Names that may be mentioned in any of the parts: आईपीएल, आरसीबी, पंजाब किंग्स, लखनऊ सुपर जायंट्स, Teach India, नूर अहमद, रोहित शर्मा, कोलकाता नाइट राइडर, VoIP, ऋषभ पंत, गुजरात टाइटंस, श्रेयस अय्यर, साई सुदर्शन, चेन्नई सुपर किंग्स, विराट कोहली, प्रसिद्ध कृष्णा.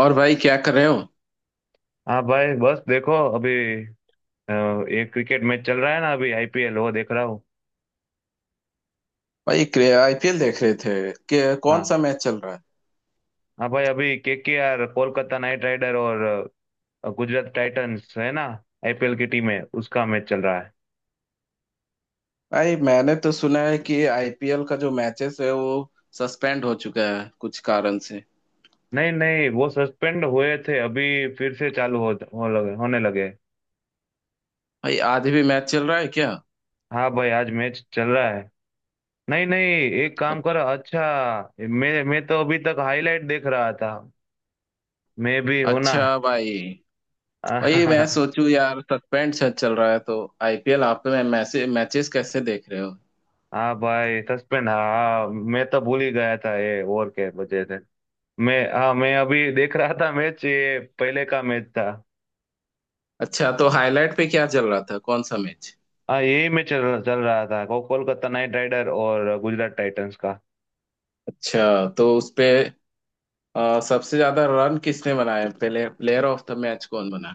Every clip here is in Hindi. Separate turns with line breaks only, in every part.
और भाई क्या कर रहे हो।
हाँ भाई, बस देखो अभी। एक क्रिकेट मैच चल रहा है ना, अभी आईपीएल, वो देख रहा हूँ।
भाई आईपीएल देख रहे थे कि कौन
हाँ।
सा मैच चल रहा है।
हाँ भाई, अभी केकेआर कोलकाता नाइट राइडर और गुजरात टाइटंस है ना, आईपीएल की टीम है, उसका मैच चल रहा है।
भाई मैंने तो सुना है कि आईपीएल का जो मैचेस है वो सस्पेंड हो चुका है कुछ कारण से।
नहीं नहीं, वो सस्पेंड हुए थे, अभी फिर से चालू हो लगे होने लगे।
भाई आधे भी मैच चल रहा है क्या।
हाँ भाई, आज मैच चल रहा है। नहीं नहीं। एक काम करो,
अच्छ-
अच्छा। मैं तो अभी तक हाईलाइट देख रहा था। मैं भी हूं ना।
अच्छा भाई। भाई मैं सोचूं यार सस्पेंड चल रहा है तो आईपीएल आप में मैसे मैचेस कैसे देख रहे हो।
हाँ भाई, सस्पेंड, हाँ मैं तो भूल ही गया था, ये ओवर के वजह से। मैं, हाँ मैं अभी देख रहा था मैच, ये पहले का मैच था।
अच्छा तो हाईलाइट पे क्या चल रहा था कौन सा मैच।
हाँ, यही मैच चल रहा था, कोलकाता नाइट राइडर और गुजरात टाइटंस का।
अच्छा तो उसपे सबसे ज्यादा रन किसने बनाए पहले प्लेयर ऑफ द मैच कौन बना।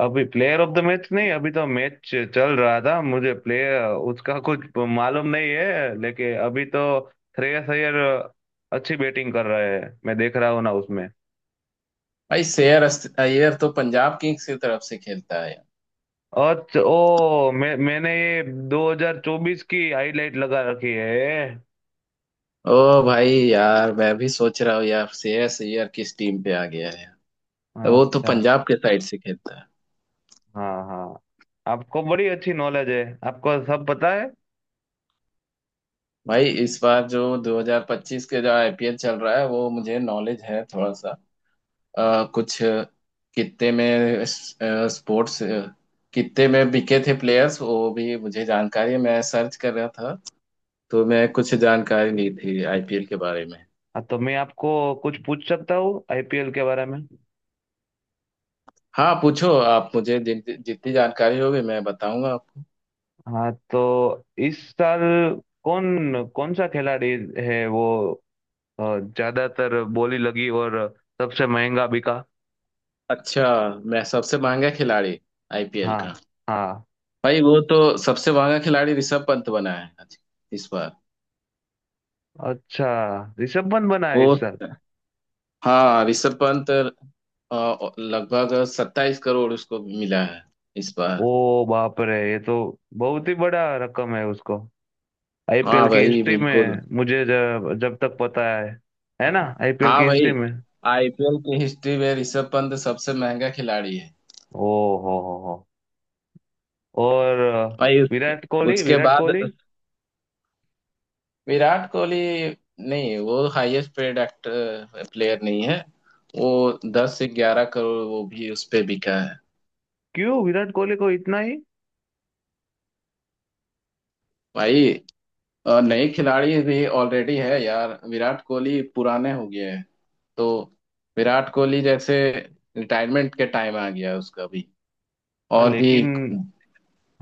अभी प्लेयर ऑफ द मैच नहीं, अभी तो मैच चल रहा था, मुझे प्लेयर उसका कुछ मालूम नहीं है, लेकिन अभी तो श्रेयस अय्यर अच्छी बैटिंग कर रहे हैं, मैं देख रहा हूँ ना उसमें।
भाई श्रेयस अय्यर तो पंजाब किंग्स की तरफ से खेलता है यार।
और ओ, मैं मैंने ये 2024 की हाईलाइट लगा रखी है।
ओ भाई यार मैं भी सोच रहा हूँ यार श्रेयस अय्यर किस टीम पे आ गया है यार। वो तो
अच्छा।
पंजाब के साइड से खेलता है।
हाँ हाँ, आपको बड़ी अच्छी नॉलेज है, आपको सब पता है।
भाई इस बार जो 2025 के जो आईपीएल चल रहा है वो मुझे नॉलेज है थोड़ा सा। कुछ कितने में स्पोर्ट्स कितने में बिके थे प्लेयर्स वो भी मुझे जानकारी है। मैं सर्च कर रहा था तो मैं कुछ जानकारी ली थी आईपीएल के बारे में।
हाँ, तो मैं आपको कुछ पूछ सकता हूँ आईपीएल के बारे में।
हाँ पूछो आप मुझे जितनी जानकारी होगी मैं बताऊंगा आपको।
हाँ, तो इस साल कौन कौन सा खिलाड़ी है वो अ, ज्यादातर बोली लगी और सबसे महंगा बिका।
अच्छा मैं सबसे महंगा खिलाड़ी आईपीएल
हाँ।
का।
हाँ।
भाई वो तो सबसे महंगा खिलाड़ी ऋषभ पंत बना है इस बार।
अच्छा, ऋषभ पंत बना है
वो
इस साल।
हाँ ऋषभ पंत लगभग 27 करोड़ उसको मिला है इस बार।
ओ, बाप रे, ये तो बहुत ही बड़ा रकम है उसको,
हाँ
आईपीएल की
भाई
हिस्ट्री
बिल्कुल।
में, मुझे जब जब तक पता है। है ना, आईपीएल
हाँ
की हिस्ट्री
भाई
में।
आईपीएल की हिस्ट्री में ऋषभ पंत सबसे महंगा खिलाड़ी है।
ओ हो हो। और
भाई उसके
विराट कोहली
उसके
विराट
बाद
कोहली
विराट कोहली। नहीं वो हाईएस्ट पेड एक्टर प्लेयर नहीं है। वो 10 से 11 करोड़ वो भी उस पे बिका है।
क्यों विराट कोहली को इतना ही?
भाई नए खिलाड़ी भी ऑलरेडी है यार विराट कोहली पुराने हो गए हैं। तो विराट कोहली जैसे रिटायरमेंट के टाइम आ गया उसका भी
हाँ,
और भी।
लेकिन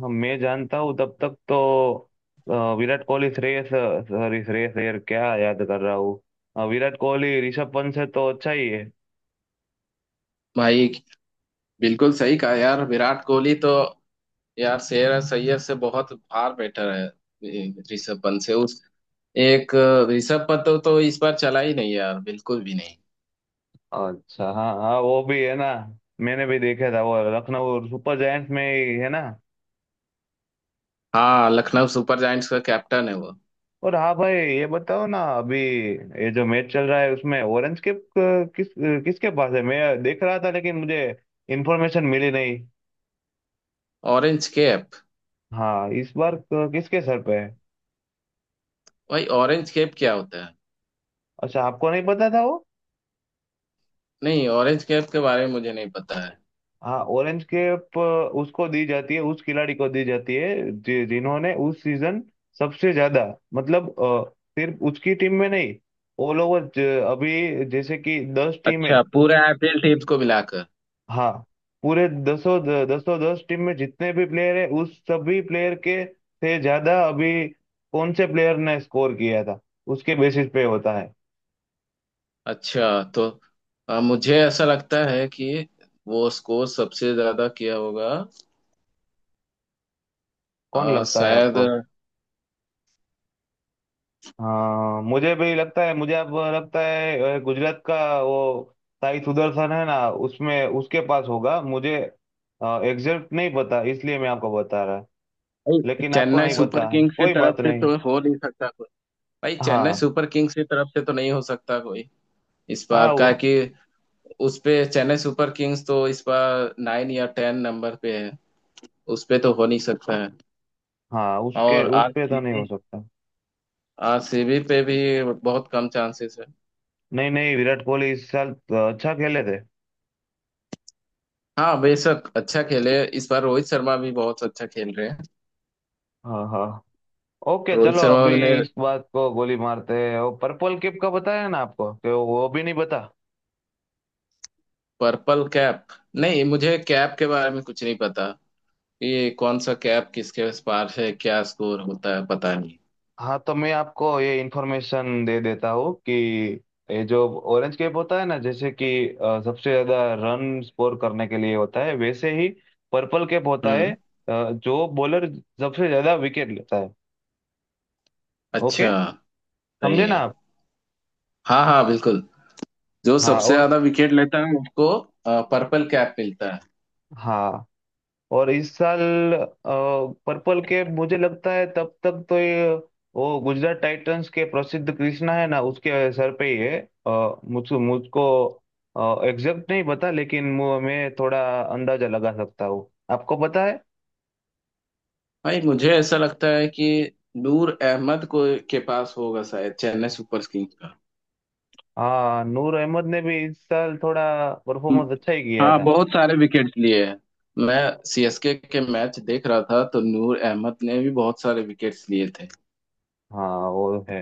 हम मैं जानता हूँ तब तक तो। विराट कोहली, श्रेयस, सॉरी श्रेयस अय्यर, क्या याद कर रहा हूँ। विराट कोहली ऋषभ पंत से तो अच्छा ही है।
भाई बिल्कुल सही कहा यार विराट कोहली तो यार शेर सैयद से बहुत फार बेटर है। ऋषभ पंत से उस एक ऋषभ पंत तो इस बार चला ही नहीं यार बिल्कुल भी नहीं।
अच्छा, हाँ हाँ, वो भी है ना, मैंने भी देखा था, वो लखनऊ सुपर जायंट्स में ही है ना।
हाँ लखनऊ सुपर जायंट्स का कैप्टन है वो।
और हाँ भाई, ये बताओ ना, अभी ये जो मैच चल रहा है उसमें ऑरेंज कैप किसके पास है? मैं देख रहा था, लेकिन मुझे इन्फॉर्मेशन मिली नहीं।
Orange cap.
हाँ, इस बार किसके सर पे है?
भाई ऑरेंज कैप क्या होता है।
अच्छा, आपको नहीं पता था वो।
नहीं ऑरेंज कैप के बारे में मुझे नहीं पता है।
हाँ, ऑरेंज कैप उसको दी जाती है, उस खिलाड़ी को दी जाती है जिन्होंने उस सीजन सबसे ज्यादा, मतलब सिर्फ उसकी टीम में नहीं, ऑल ओवर, अभी जैसे कि दस टीम है।
अच्छा पूरे आईपीएल टीम को मिलाकर।
हाँ, पूरे दसों, दस टीम में जितने भी प्लेयर है, उस सभी प्लेयर के से ज्यादा अभी कौन से प्लेयर ने स्कोर किया था, उसके बेसिस पे होता है।
अच्छा तो मुझे ऐसा लगता है कि वो स्कोर सबसे ज्यादा किया होगा।
कौन लगता है
शायद।
आपको? हाँ, मुझे भी लगता है, मुझे अब लगता है गुजरात का वो साई सुदर्शन है ना, उसमें उसके पास होगा, मुझे एग्जैक्ट नहीं पता, इसलिए मैं आपको बता रहा।
भाई,
लेकिन आपको
चेन्नई
नहीं
सुपर
पता है,
किंग्स की
कोई
तरफ
बात
से
नहीं।
तो हो नहीं सकता। भाई चेन्नई
हाँ
सुपर किंग्स की तरफ से तो नहीं हो सकता कोई इस बार
हाँ,
का कि उस पे चेन्नई सुपर किंग्स तो इस बार 9 या 10 नंबर पे है। उस पे तो हो नहीं सकता है।
हाँ, उसके
और
उस पे तो नहीं
आरसीबी,
हो सकता।
आरसीबी पे भी बहुत कम चांसेस है।
नहीं नहीं, विराट कोहली इस साल अच्छा खेले थे।
हाँ बेशक अच्छा खेले इस बार रोहित शर्मा भी बहुत अच्छा खेल रहे हैं।
हाँ हाँ, ओके,
रोहित
चलो
शर्मा
अभी
ने
इस बात को गोली मारते हैं। वो पर्पल किप का बताया ना आपको, कि वो भी नहीं बता।
Purple cap. नहीं मुझे कैप के बारे में कुछ नहीं पता। ये कौन सा कैप किसके पास है क्या स्कोर होता है पता नहीं।
हाँ, तो मैं आपको ये इन्फॉर्मेशन दे देता हूँ कि ये जो ऑरेंज कैप होता है ना, जैसे कि सबसे ज्यादा रन स्कोर करने के लिए होता है, वैसे ही पर्पल कैप होता है,
हम्म।
जो बॉलर सबसे ज्यादा विकेट लेता है। ओके।
अच्छा। सही
समझे ना
है।
आप?
हाँ हाँ बिल्कुल। जो
हाँ
सबसे
और,
ज्यादा विकेट लेता है उसको पर्पल कैप मिलता है।
हाँ और इस साल पर्पल कैप, मुझे लगता है तब तक तो ये, वो गुजरात टाइटंस के प्रसिद्ध कृष्णा है ना, उसके सर पे ही है। मुझको मुझको एग्जैक्ट नहीं पता, लेकिन मैं थोड़ा अंदाजा लगा सकता हूँ, आपको पता है।
भाई मुझे ऐसा लगता है कि नूर अहमद को के पास होगा शायद चेन्नई सुपर किंग्स का।
हाँ, नूर अहमद ने भी इस साल थोड़ा
हम्म,
परफॉर्मेंस अच्छा ही किया
हाँ
था।
बहुत सारे विकेट्स लिए हैं। मैं सीएसके के मैच देख रहा था तो नूर अहमद ने भी बहुत सारे विकेट्स लिए थे।
हाँ, वो है।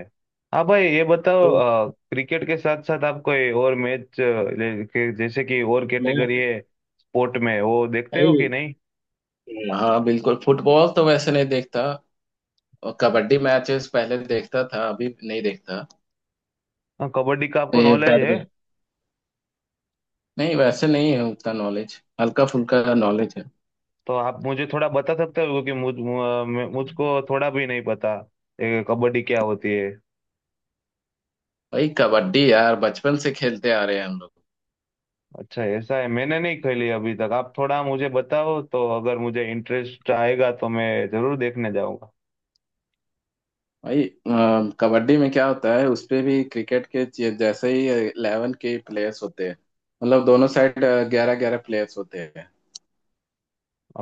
हाँ भाई, ये बताओ,
तो
क्रिकेट के साथ साथ आप कोई और मैच जैसे कि और कैटेगरी
मैं
है स्पोर्ट में, वो देखते हो
भाई
कि नहीं?
हाँ बिल्कुल फुटबॉल तो वैसे नहीं देखता। और कबड्डी मैचेस पहले देखता था अभी नहीं देखता।
हाँ, कबड्डी का आपको नॉलेज है,
बैडमिंटन नहीं वैसे नहीं है उतना नॉलेज हल्का फुल्का नॉलेज है।
तो आप मुझे थोड़ा बता सकते हो? क्योंकि मुझको थोड़ा भी नहीं पता ये कबड्डी क्या होती है।
भाई कबड्डी यार बचपन से खेलते आ रहे हैं हम लोग।
अच्छा, ऐसा है, मैंने नहीं खेली अभी तक, आप थोड़ा मुझे बताओ तो, अगर मुझे इंटरेस्ट आएगा तो मैं जरूर देखने जाऊंगा।
भाई कबड्डी में क्या होता है उस पे भी क्रिकेट के जैसे ही 11 के प्लेयर्स होते हैं। मतलब दोनों साइड 11 11 प्लेयर्स होते हैं।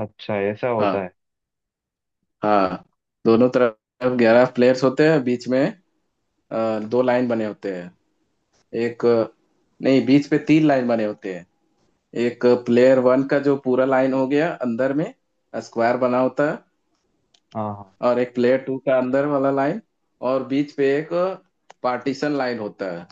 अच्छा, ऐसा होता
हाँ
है?
हाँ दोनों तरफ 11 प्लेयर्स होते हैं बीच में। दो लाइन बने होते हैं एक नहीं बीच पे तीन लाइन बने होते हैं। एक प्लेयर वन का जो पूरा लाइन हो गया अंदर में स्क्वायर बना होता है।
हाँ हाँ।
और एक प्लेयर टू का अंदर वाला लाइन और बीच पे एक पार्टीशन लाइन होता है।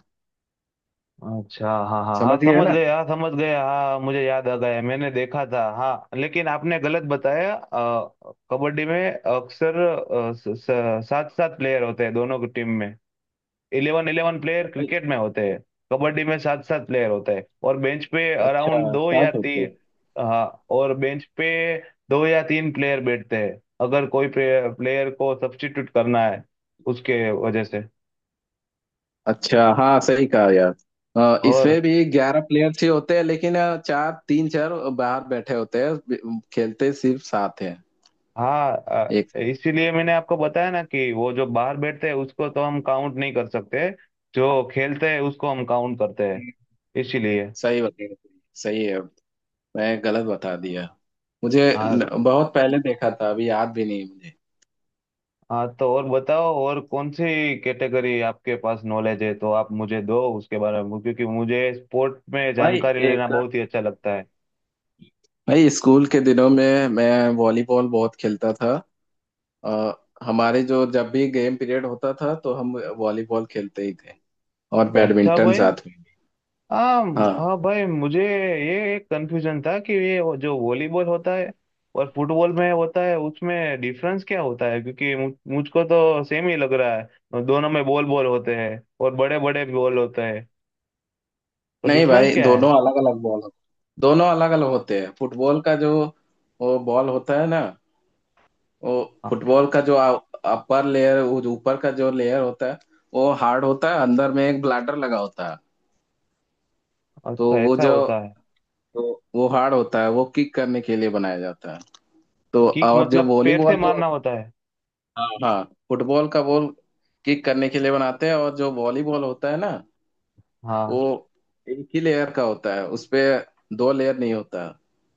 अच्छा हाँ हाँ हाँ,
समझ गए
समझ
ना।
गया, हाँ समझ गया, हाँ मुझे याद आ गया, मैंने देखा था। हाँ लेकिन आपने गलत बताया, कबड्डी में अक्सर सात सात प्लेयर होते हैं दोनों की टीम में। इलेवन इलेवन प्लेयर क्रिकेट में होते हैं। कबड्डी में सात सात प्लेयर होते हैं और बेंच पे
अच्छा
अराउंड दो या
सात होते
तीन।
हैं।
हाँ, और बेंच पे दो या तीन प्लेयर बैठते हैं, अगर कोई प्लेयर को सब्स्टिट्यूट करना है, उसके वजह से।
अच्छा हाँ सही कहा यार।
और
इसमें भी 11 प्लेयर्स ही होते हैं लेकिन चार तीन चार बाहर बैठे होते हैं खेलते सिर्फ सात हैं।
हाँ,
एक से।
इसीलिए मैंने आपको बताया ना, कि वो जो बाहर बैठते हैं उसको तो हम काउंट नहीं कर सकते, जो खेलते हैं उसको हम काउंट करते हैं, इसीलिए।
सही बता सही है मैं गलत बता दिया। मुझे
हाँ।
बहुत पहले देखा था अभी याद भी नहीं है मुझे।
हाँ, तो और बताओ और कौन सी कैटेगरी आपके पास नॉलेज है, तो आप मुझे दो उसके बारे में, क्योंकि मुझे स्पोर्ट में
भाई
जानकारी लेना
एक।
बहुत ही अच्छा लगता है।
भाई स्कूल के दिनों में मैं वॉलीबॉल बहुत खेलता था। अ, हमारे जो जब भी गेम पीरियड होता था तो हम वॉलीबॉल खेलते ही थे। और
अच्छा
बैडमिंटन
भाई।
साथ में भी।
हाँ।
हाँ।
हाँ भाई, मुझे ये एक कंफ्यूजन था कि ये, वो जो वॉलीबॉल होता है और फुटबॉल में होता है, उसमें डिफरेंस क्या होता है? क्योंकि मुझको तो सेम ही लग रहा है, दोनों में बॉल बॉल होते हैं और बड़े बड़े बॉल होते हैं, तो
नहीं
डिफरेंस
भाई
क्या
दोनों
है?
अलग अलग बॉल दोनों अलग अलग होते हैं फुटबॉल का जो वो बॉल होता है ना वो
हाँ।
फुटबॉल का जो अपर लेयर वो जो ऊपर का जो लेयर होता है वो हार्ड होता है अंदर में एक ब्लैडर लगा होता है। तो
अच्छा,
वो
ऐसा
जो
होता है?
तो वो हार्ड होता है वो किक करने के लिए बनाया जाता है। तो
किक
और जो
मतलब पैर
वॉलीबॉल
से
जो
मारना होता है?
हाँ हाँ फुटबॉल का बॉल किक करने के लिए बनाते हैं और जो वॉलीबॉल होता है ना
हाँ
वो एक ही लेयर का होता है उसपे दो लेयर नहीं होता।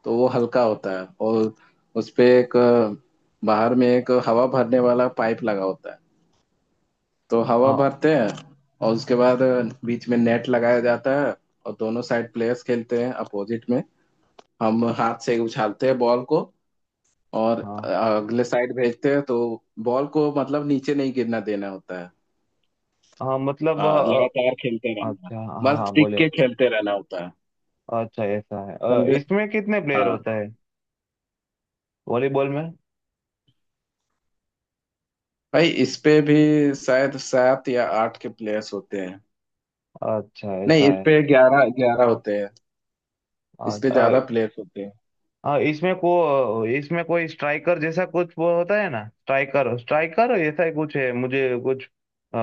तो वो हल्का होता है और उसपे एक बाहर में एक हवा भरने वाला पाइप लगा होता है। तो हवा भरते हैं और उसके बाद बीच में नेट लगाया जाता है। और दोनों साइड प्लेयर्स खेलते हैं अपोजिट में। हम हाथ से उछालते हैं बॉल को और
हाँ।
अगले साइड भेजते हैं तो बॉल को मतलब नीचे नहीं गिरना देना होता है।
हाँ, मतलब
हाँ लगातार खेलते रहना।
अच्छा, हाँ
बस
हाँ,
टिक
बोले।
के खेलते रहना होता है।
अच्छा, ऐसा है?
समझे।
इसमें कितने प्लेयर
हाँ
होता है वॉलीबॉल में?
भाई इस पे भी शायद 7 या 8 के प्लेयर्स होते हैं।
अच्छा,
नहीं
ऐसा
इस
है?
पे 11 11 होते हैं।
अ,
इस पे
अ,
ज्यादा प्लेयर्स होते हैं।
हाँ, इसमें कोई स्ट्राइकर जैसा कुछ वो होता है ना, स्ट्राइकर स्ट्राइकर ऐसा ही कुछ है, मुझे कुछ अ,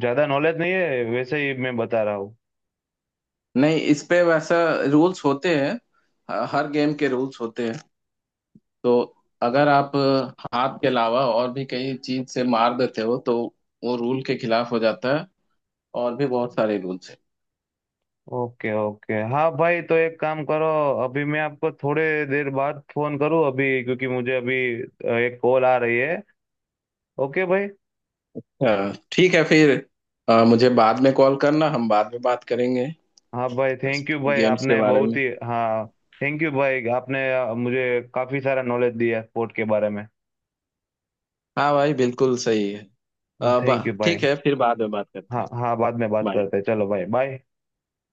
ज्यादा नॉलेज नहीं है, वैसे ही मैं बता रहा हूँ।
नहीं इस पे वैसा रूल्स होते हैं। हर गेम के रूल्स होते हैं। तो अगर आप हाथ के अलावा और भी कई चीज से मार देते हो तो वो रूल के खिलाफ हो जाता है। और भी बहुत सारे रूल्स हैं।
ओके ओके, हाँ भाई, तो एक काम करो, अभी मैं आपको थोड़े देर बाद फोन करूँ अभी, क्योंकि मुझे अभी एक कॉल आ रही है। ओके भाई।
हाँ, ठीक है फिर। मुझे बाद में कॉल करना हम बाद में बात करेंगे
हाँ भाई, थैंक यू भाई,
गेम्स के
आपने
बारे
बहुत
में।
ही, हाँ, थैंक यू भाई, आपने मुझे काफी सारा नॉलेज दिया स्पोर्ट के बारे में।
हाँ भाई बिल्कुल सही है। अब
थैंक यू
ठीक
भाई।
है फिर बाद में बात करते
हाँ
हैं।
हाँ, बाद में बात करते
बाय।
हैं, चलो भाई, बाय।